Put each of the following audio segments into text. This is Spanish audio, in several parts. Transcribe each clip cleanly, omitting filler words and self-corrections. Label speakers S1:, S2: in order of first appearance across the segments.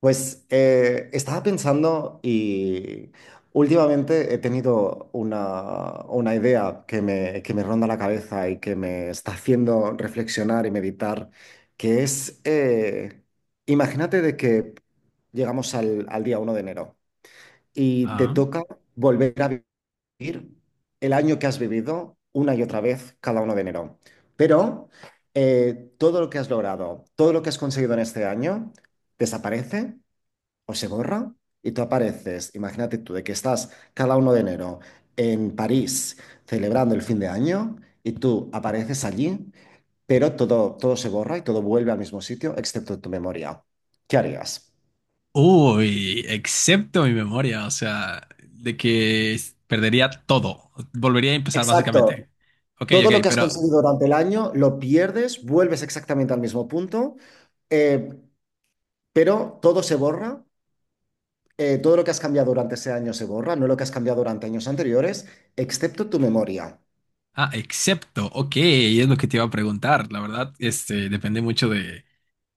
S1: Pues, estaba pensando y últimamente he tenido una idea que me ronda la cabeza y que me está haciendo reflexionar y meditar, que es, imagínate de que llegamos al día 1 de enero y te
S2: Ah.
S1: toca volver a vivir el año que has vivido una y otra vez cada 1 de enero. Pero todo lo que has logrado, todo lo que has conseguido en este año, desaparece o se borra y tú apareces, imagínate tú, de que estás cada 1 de enero en París celebrando el fin de año y tú apareces allí, pero todo, todo se borra y todo vuelve al mismo sitio excepto tu memoria. ¿Qué harías?
S2: Uy, excepto mi memoria, o sea, de que perdería todo. Volvería a empezar
S1: Exacto.
S2: básicamente. Ok,
S1: Todo lo
S2: ok,
S1: que has
S2: pero...
S1: conseguido durante el año lo pierdes, vuelves exactamente al mismo punto, eh, pero todo se borra. Todo lo que has cambiado durante ese año se borra, no lo que has cambiado durante años anteriores, excepto tu memoria.
S2: Ah, excepto, ok, es lo que te iba a preguntar. La verdad, este, depende mucho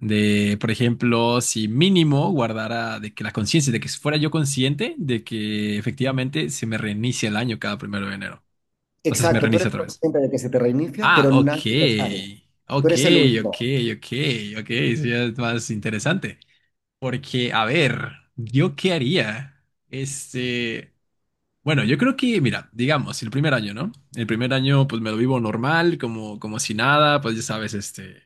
S2: de, por ejemplo, si mínimo guardara de que la conciencia, de que si fuera yo consciente de que efectivamente se me reinicia el año cada primero de enero. O sea, se me
S1: Exacto, tú eres
S2: reinicia otra vez.
S1: consciente de que se te reinicia,
S2: Ah,
S1: pero
S2: ok,
S1: nadie lo sabe. Tú
S2: ok,
S1: eres el
S2: ok,
S1: único.
S2: ok, ok, sí, es más interesante. Porque, a ver, ¿yo qué haría? Este, bueno, yo creo que, mira, digamos, el primer año, ¿no? El primer año, pues me lo vivo normal, como, como si nada, pues ya sabes, este,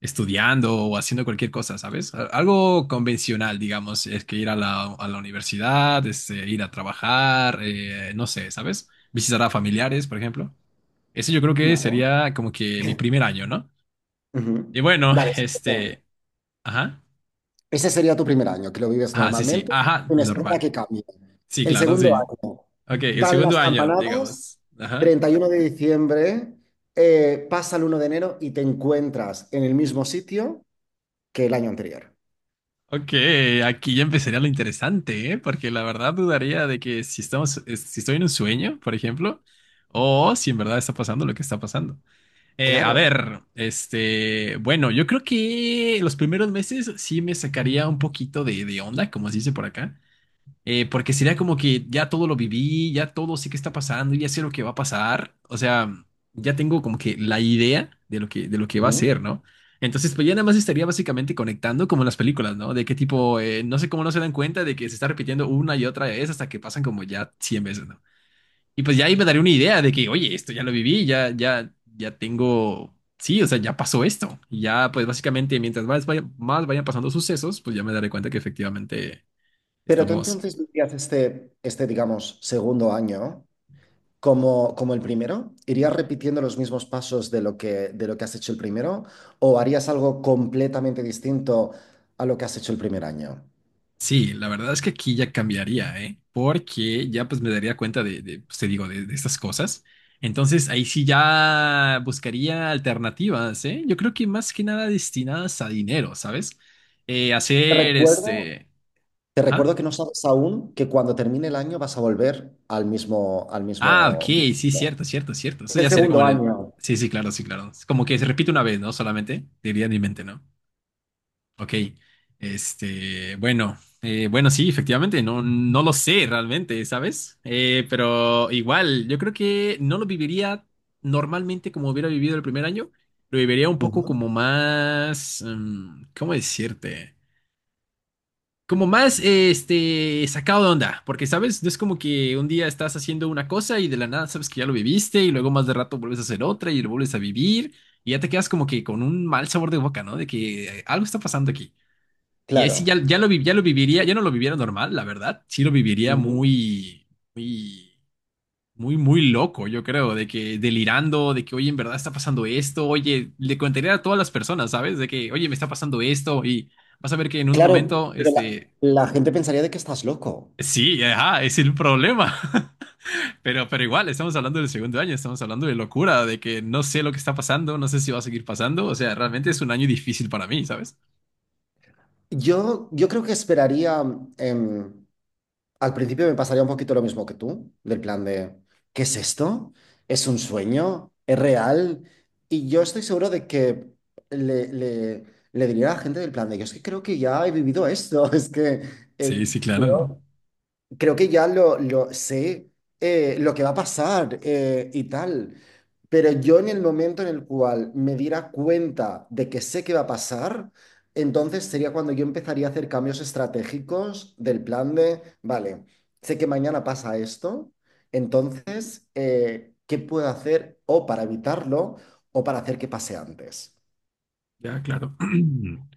S2: estudiando o haciendo cualquier cosa, ¿sabes? Algo convencional, digamos, es que ir a la universidad, este, ir a trabajar, no sé, ¿sabes? Visitar a familiares, por ejemplo. Ese yo creo que
S1: Vale.
S2: sería como que mi primer año, ¿no? Y
S1: Ujú.
S2: bueno,
S1: Vale,
S2: este, ajá,
S1: ese sería tu primer año, que lo vives
S2: ajá, sí, sí,
S1: normalmente,
S2: ajá,
S1: una espera
S2: normal.
S1: que cambie.
S2: Sí,
S1: El
S2: claro,
S1: segundo
S2: sí.
S1: año,
S2: Ok, el
S1: dan
S2: segundo
S1: las
S2: año,
S1: campanadas,
S2: digamos. Ajá.
S1: 31 de diciembre, pasa el 1 de enero y te encuentras en el mismo sitio que el año anterior.
S2: Ok, aquí ya empezaría lo interesante, ¿eh? Porque la verdad dudaría de que si estamos, si estoy en un sueño, por ejemplo, o si en verdad está pasando lo que está pasando. A
S1: Claro.
S2: ver, este, bueno, yo creo que los primeros meses sí me sacaría un poquito de onda, como se dice por acá. Porque sería como que ya todo lo viví, ya todo sé qué está pasando, ya sé lo que va a pasar. O sea, ya tengo como que la idea de lo que va a
S1: Ujú.
S2: ser, ¿no? Entonces, pues ya nada más estaría básicamente conectando como en las películas, ¿no? De qué tipo, no sé cómo no se dan cuenta de que se está repitiendo una y otra vez hasta que pasan como ya 100 veces, ¿no? Y pues ya ahí me daría una idea de que, oye, esto ya lo viví, ya, ya, ya tengo, sí, o sea, ya pasó esto. Y ya, pues básicamente, mientras más, más vayan pasando sucesos, pues ya me daré cuenta que efectivamente
S1: Pero tú
S2: estamos.
S1: entonces vivías digamos, segundo año. Como el primero? ¿Irías repitiendo los mismos pasos de lo que has hecho el primero? ¿O harías algo completamente distinto a lo que has hecho el primer año?
S2: Sí, la verdad es que aquí ya cambiaría, ¿eh? Porque ya pues me daría cuenta de, pues, te digo, de estas cosas. Entonces ahí sí ya buscaría alternativas, ¿eh? Yo creo que más que nada destinadas a dinero, ¿sabes?
S1: Te
S2: Hacer
S1: recuerdo,
S2: este...
S1: te recuerdo
S2: Ajá.
S1: que no sabes aún que cuando termine el año vas a volver al mismo, al
S2: Ah, ok,
S1: mismo.
S2: sí, cierto, cierto, cierto.
S1: Es
S2: Eso
S1: el
S2: ya sería como
S1: segundo
S2: el...
S1: año.
S2: Sí, sí, claro, sí, claro. Es como que se repite una vez, ¿no? Solamente, diría en mi mente, ¿no? Ok, este, bueno, bueno, sí, efectivamente, no, no lo sé realmente, ¿sabes? Pero igual, yo creo que no lo viviría normalmente como hubiera vivido el primer año, lo viviría un poco
S1: Ujú.
S2: como más, ¿cómo decirte? Como más, este, sacado de onda, porque, ¿sabes? No es como que un día estás haciendo una cosa y de la nada sabes que ya lo viviste y luego más de rato vuelves a hacer otra y lo vuelves a vivir y ya te quedas como que con un mal sabor de boca, ¿no? De que algo está pasando aquí. Y ahí sí ya,
S1: Claro.
S2: ya lo viviría, ya no lo viviera normal, la verdad. Sí lo viviría
S1: Ujú.
S2: muy, muy, muy, muy loco, yo creo, de que delirando, de que, oye, en verdad está pasando esto, oye, le contaría a todas las personas, ¿sabes? De que, oye, me está pasando esto y vas a ver que en un
S1: Claro,
S2: momento,
S1: pero la,
S2: este,
S1: la gente pensaría de que estás loco.
S2: sí, ajá, es el problema. Pero igual, estamos hablando del segundo año, estamos hablando de locura, de que no sé lo que está pasando, no sé si va a seguir pasando, o sea, realmente es un año difícil para mí, ¿sabes?
S1: Yo creo que esperaría. em, Al principio me pasaría un poquito lo mismo que tú, del plan de, ¿qué es esto? ¿Es un sueño? ¿Es real? Y yo estoy seguro de que le, le- le diría a la gente del plan de, yo es que creo que ya he vivido esto, es que eh,
S2: Sí, sí, claro.
S1: creo que ya lo sé, lo que va a pasar y tal. Pero yo en el momento en el cual me diera cuenta de que sé que va a pasar, entonces sería cuando yo empezaría a hacer cambios estratégicos del plan de, vale, sé que mañana pasa esto, entonces, ¿qué puedo hacer o para evitarlo o para hacer que pase antes?
S2: Ya, claro.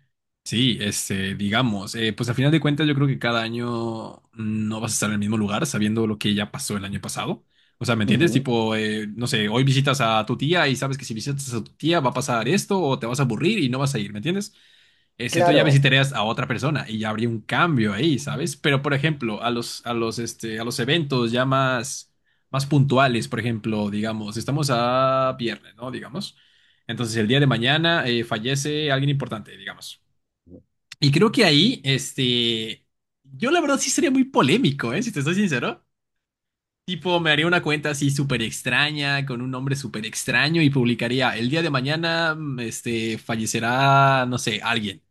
S2: Sí, este, digamos, pues a final de cuentas yo creo que cada año no vas a estar en el mismo lugar sabiendo lo que ya pasó el año pasado. O sea, ¿me entiendes?
S1: Ujú.
S2: Tipo, no sé, hoy visitas a tu tía y sabes que si visitas a tu tía va a pasar esto o te vas a aburrir y no vas a ir, ¿me entiendes? Este, entonces ya
S1: Claro,
S2: visitarías a otra persona y ya habría un cambio ahí, ¿sabes? Pero, por ejemplo, a los, este, a los eventos ya más, más puntuales, por ejemplo, digamos, estamos a viernes, ¿no? Digamos. Entonces el día de mañana fallece alguien importante, digamos. Y creo que ahí, este, yo la verdad sí sería muy polémico, ¿eh? Si te soy sincero. Tipo, me haría una cuenta así súper extraña, con un nombre súper extraño y publicaría, el día de mañana, este, fallecerá, no sé, alguien.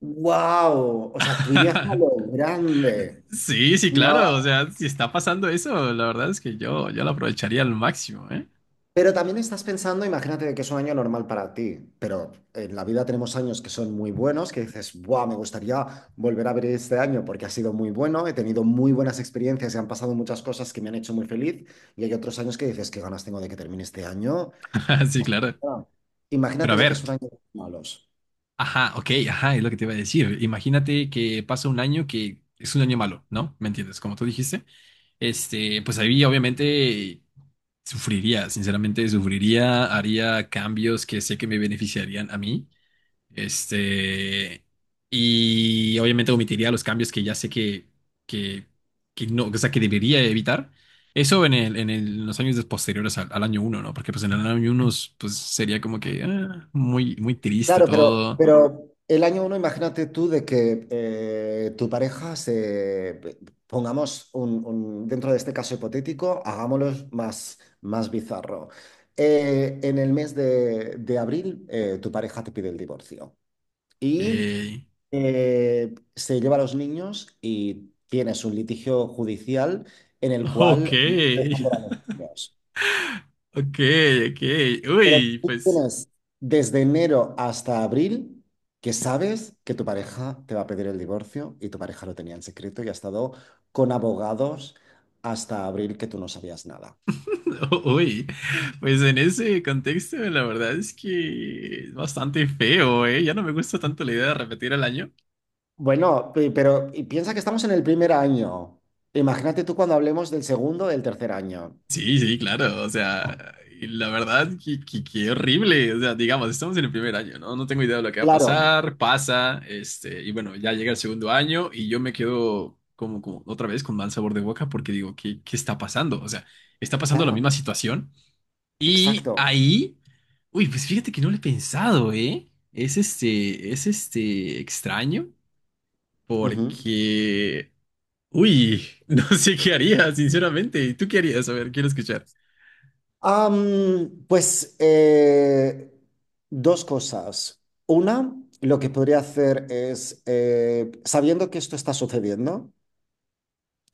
S1: wow, o sea, tú irías a lo grande.
S2: Sí, sí,
S1: No.
S2: claro, o sea, si está pasando eso, la verdad es que yo lo aprovecharía al máximo, ¿eh?
S1: Pero también estás pensando, imagínate de que es un año normal para ti, pero en la vida tenemos años que son muy buenos, que dices, ¡buah! Me gustaría volver a ver este año porque ha sido muy bueno, he tenido muy buenas experiencias y han pasado muchas cosas que me han hecho muy feliz. Y hay otros años que dices, ¿qué ganas tengo de que termine este año?
S2: Sí,
S1: Hasta
S2: claro.
S1: mañana".
S2: Pero
S1: Imagínate
S2: a
S1: de que
S2: ver.
S1: es un año de malos.
S2: Ajá, ok, ajá, es lo que te iba a decir. Imagínate que pasa un año que es un año malo, ¿no? ¿Me entiendes? Como tú dijiste, este, pues ahí obviamente sufriría, sinceramente sufriría, haría cambios que sé que me beneficiarían a mí, este, y obviamente omitiría los cambios que ya sé que, que no, o sea, que debería evitar. Eso en el, en los años posteriores al, al año uno, ¿no? Porque pues en el año uno, pues sería como que ah, muy, muy triste
S1: Claro, pero,
S2: todo.
S1: pero el año uno, imagínate tú de que pongamos dentro de este caso hipotético, hagámoslo más, más bizarro. En el mes de abril, tu pareja te pide el divorcio
S2: Ok,
S1: y se lleva a los niños y tienes un litigio judicial en el
S2: ok,
S1: cual... te por los niños.
S2: ok, ok.
S1: Pero
S2: Uy,
S1: tú
S2: pues,
S1: tienes desde enero hasta abril que sabes que tu pareja te va a pedir el divorcio y tu pareja lo tenía en secreto y ha estado con abogados hasta abril que tú no sabías nada.
S2: uy, pues en ese contexto la verdad es que es bastante feo, ¿eh? Ya no me gusta tanto la idea de repetir el año.
S1: Bueno, pero y piensa que estamos en el primer año. Imagínate tú cuando hablemos del segundo, del tercer año.
S2: Sí, sí, claro, o sea, y la verdad, qué horrible, o sea, digamos, estamos en el primer año, ¿no? No tengo idea de lo que va a
S1: Claro,
S2: pasar, pasa, este, y bueno, ya llega el segundo año y yo me quedo como, como otra vez con mal sabor de boca porque digo, ¿qué, qué está pasando? O sea, ¿está pasando la misma
S1: claro,
S2: situación? Y
S1: exacto.
S2: ahí, uy, pues fíjate que no lo he pensado, ¿eh? Es este extraño
S1: Ujú.
S2: porque, uy, no sé qué haría, sinceramente. ¿Y tú qué harías? A ver, quiero escuchar.
S1: Pues, dos cosas. Una, lo que podría hacer es, sabiendo que esto está sucediendo,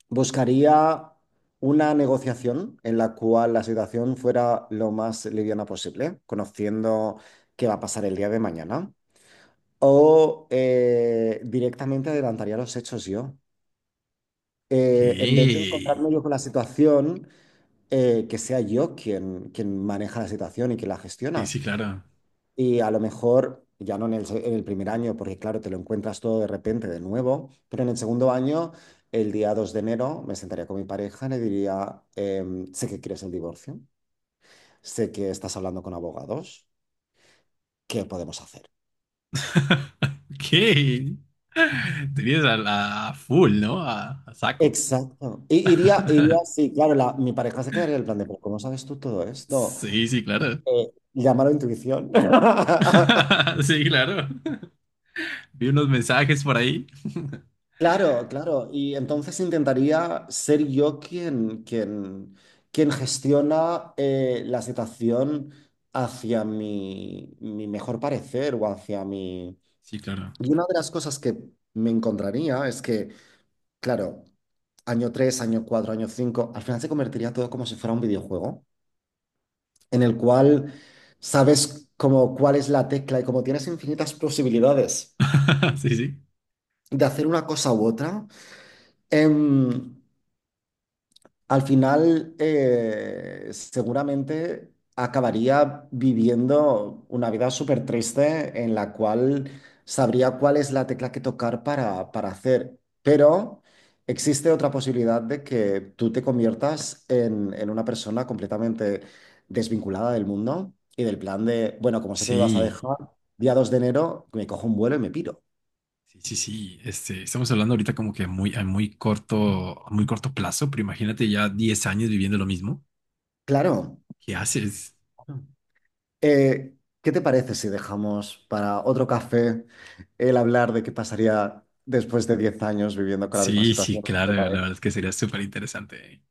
S1: buscaría una negociación en la cual la situación fuera lo más liviana posible, conociendo qué va a pasar el día de mañana. O directamente adelantaría los hechos yo.
S2: Ok.
S1: En vez de
S2: Sí,
S1: encontrarme yo con la situación, que sea yo quien, quien maneja la situación y quien la gestiona.
S2: sí, claro.
S1: Y a lo mejor, ya no en en el primer año, porque claro, te lo encuentras todo de repente de nuevo, pero en el segundo año, el día 2 de enero, me sentaría con mi pareja y le diría, sé que quieres el divorcio, sé que estás hablando con abogados, ¿qué podemos hacer?
S2: Ok. Tenías a, a full, ¿no? A saco.
S1: Exacto. Y iría, sí, claro, mi pareja se quedaría en el plan de, pero ¿cómo sabes tú todo esto?
S2: Sí, sí, claro.
S1: Llámalo intuición.
S2: Sí, claro. Vi unos mensajes por ahí.
S1: Claro, claro. Y entonces intentaría ser yo quien, gestiona la situación hacia mi mejor parecer o hacia mi...
S2: Sí, claro.
S1: Y una de las cosas que me encontraría es que, claro, año tres, año cuatro, año cinco, al final se convertiría todo como si fuera un videojuego, en el cual sabes como cuál es la tecla y como tienes infinitas posibilidades
S2: Sí, sí.
S1: de hacer una cosa u otra. em, Al final, seguramente acabaría viviendo una vida súper triste en la cual sabría cuál es la tecla que tocar para hacer. Pero existe otra posibilidad de que tú te conviertas en una persona completamente desvinculada del mundo y del plan de, bueno, como sé que me vas a
S2: Sí,
S1: dejar, día 2 de enero, me cojo un vuelo y me piro.
S2: sí, sí, sí. Este, estamos hablando ahorita como que muy, a muy corto plazo, pero imagínate ya 10 años viviendo lo mismo.
S1: Claro.
S2: ¿Qué haces?
S1: Eh, ¿qué te parece si dejamos para otro café el hablar de qué pasaría después de 10 años viviendo con la misma
S2: Sí, sí,
S1: situación? ¿Qué
S2: claro,
S1: te
S2: la verdad
S1: parece?
S2: es que sería súper interesante.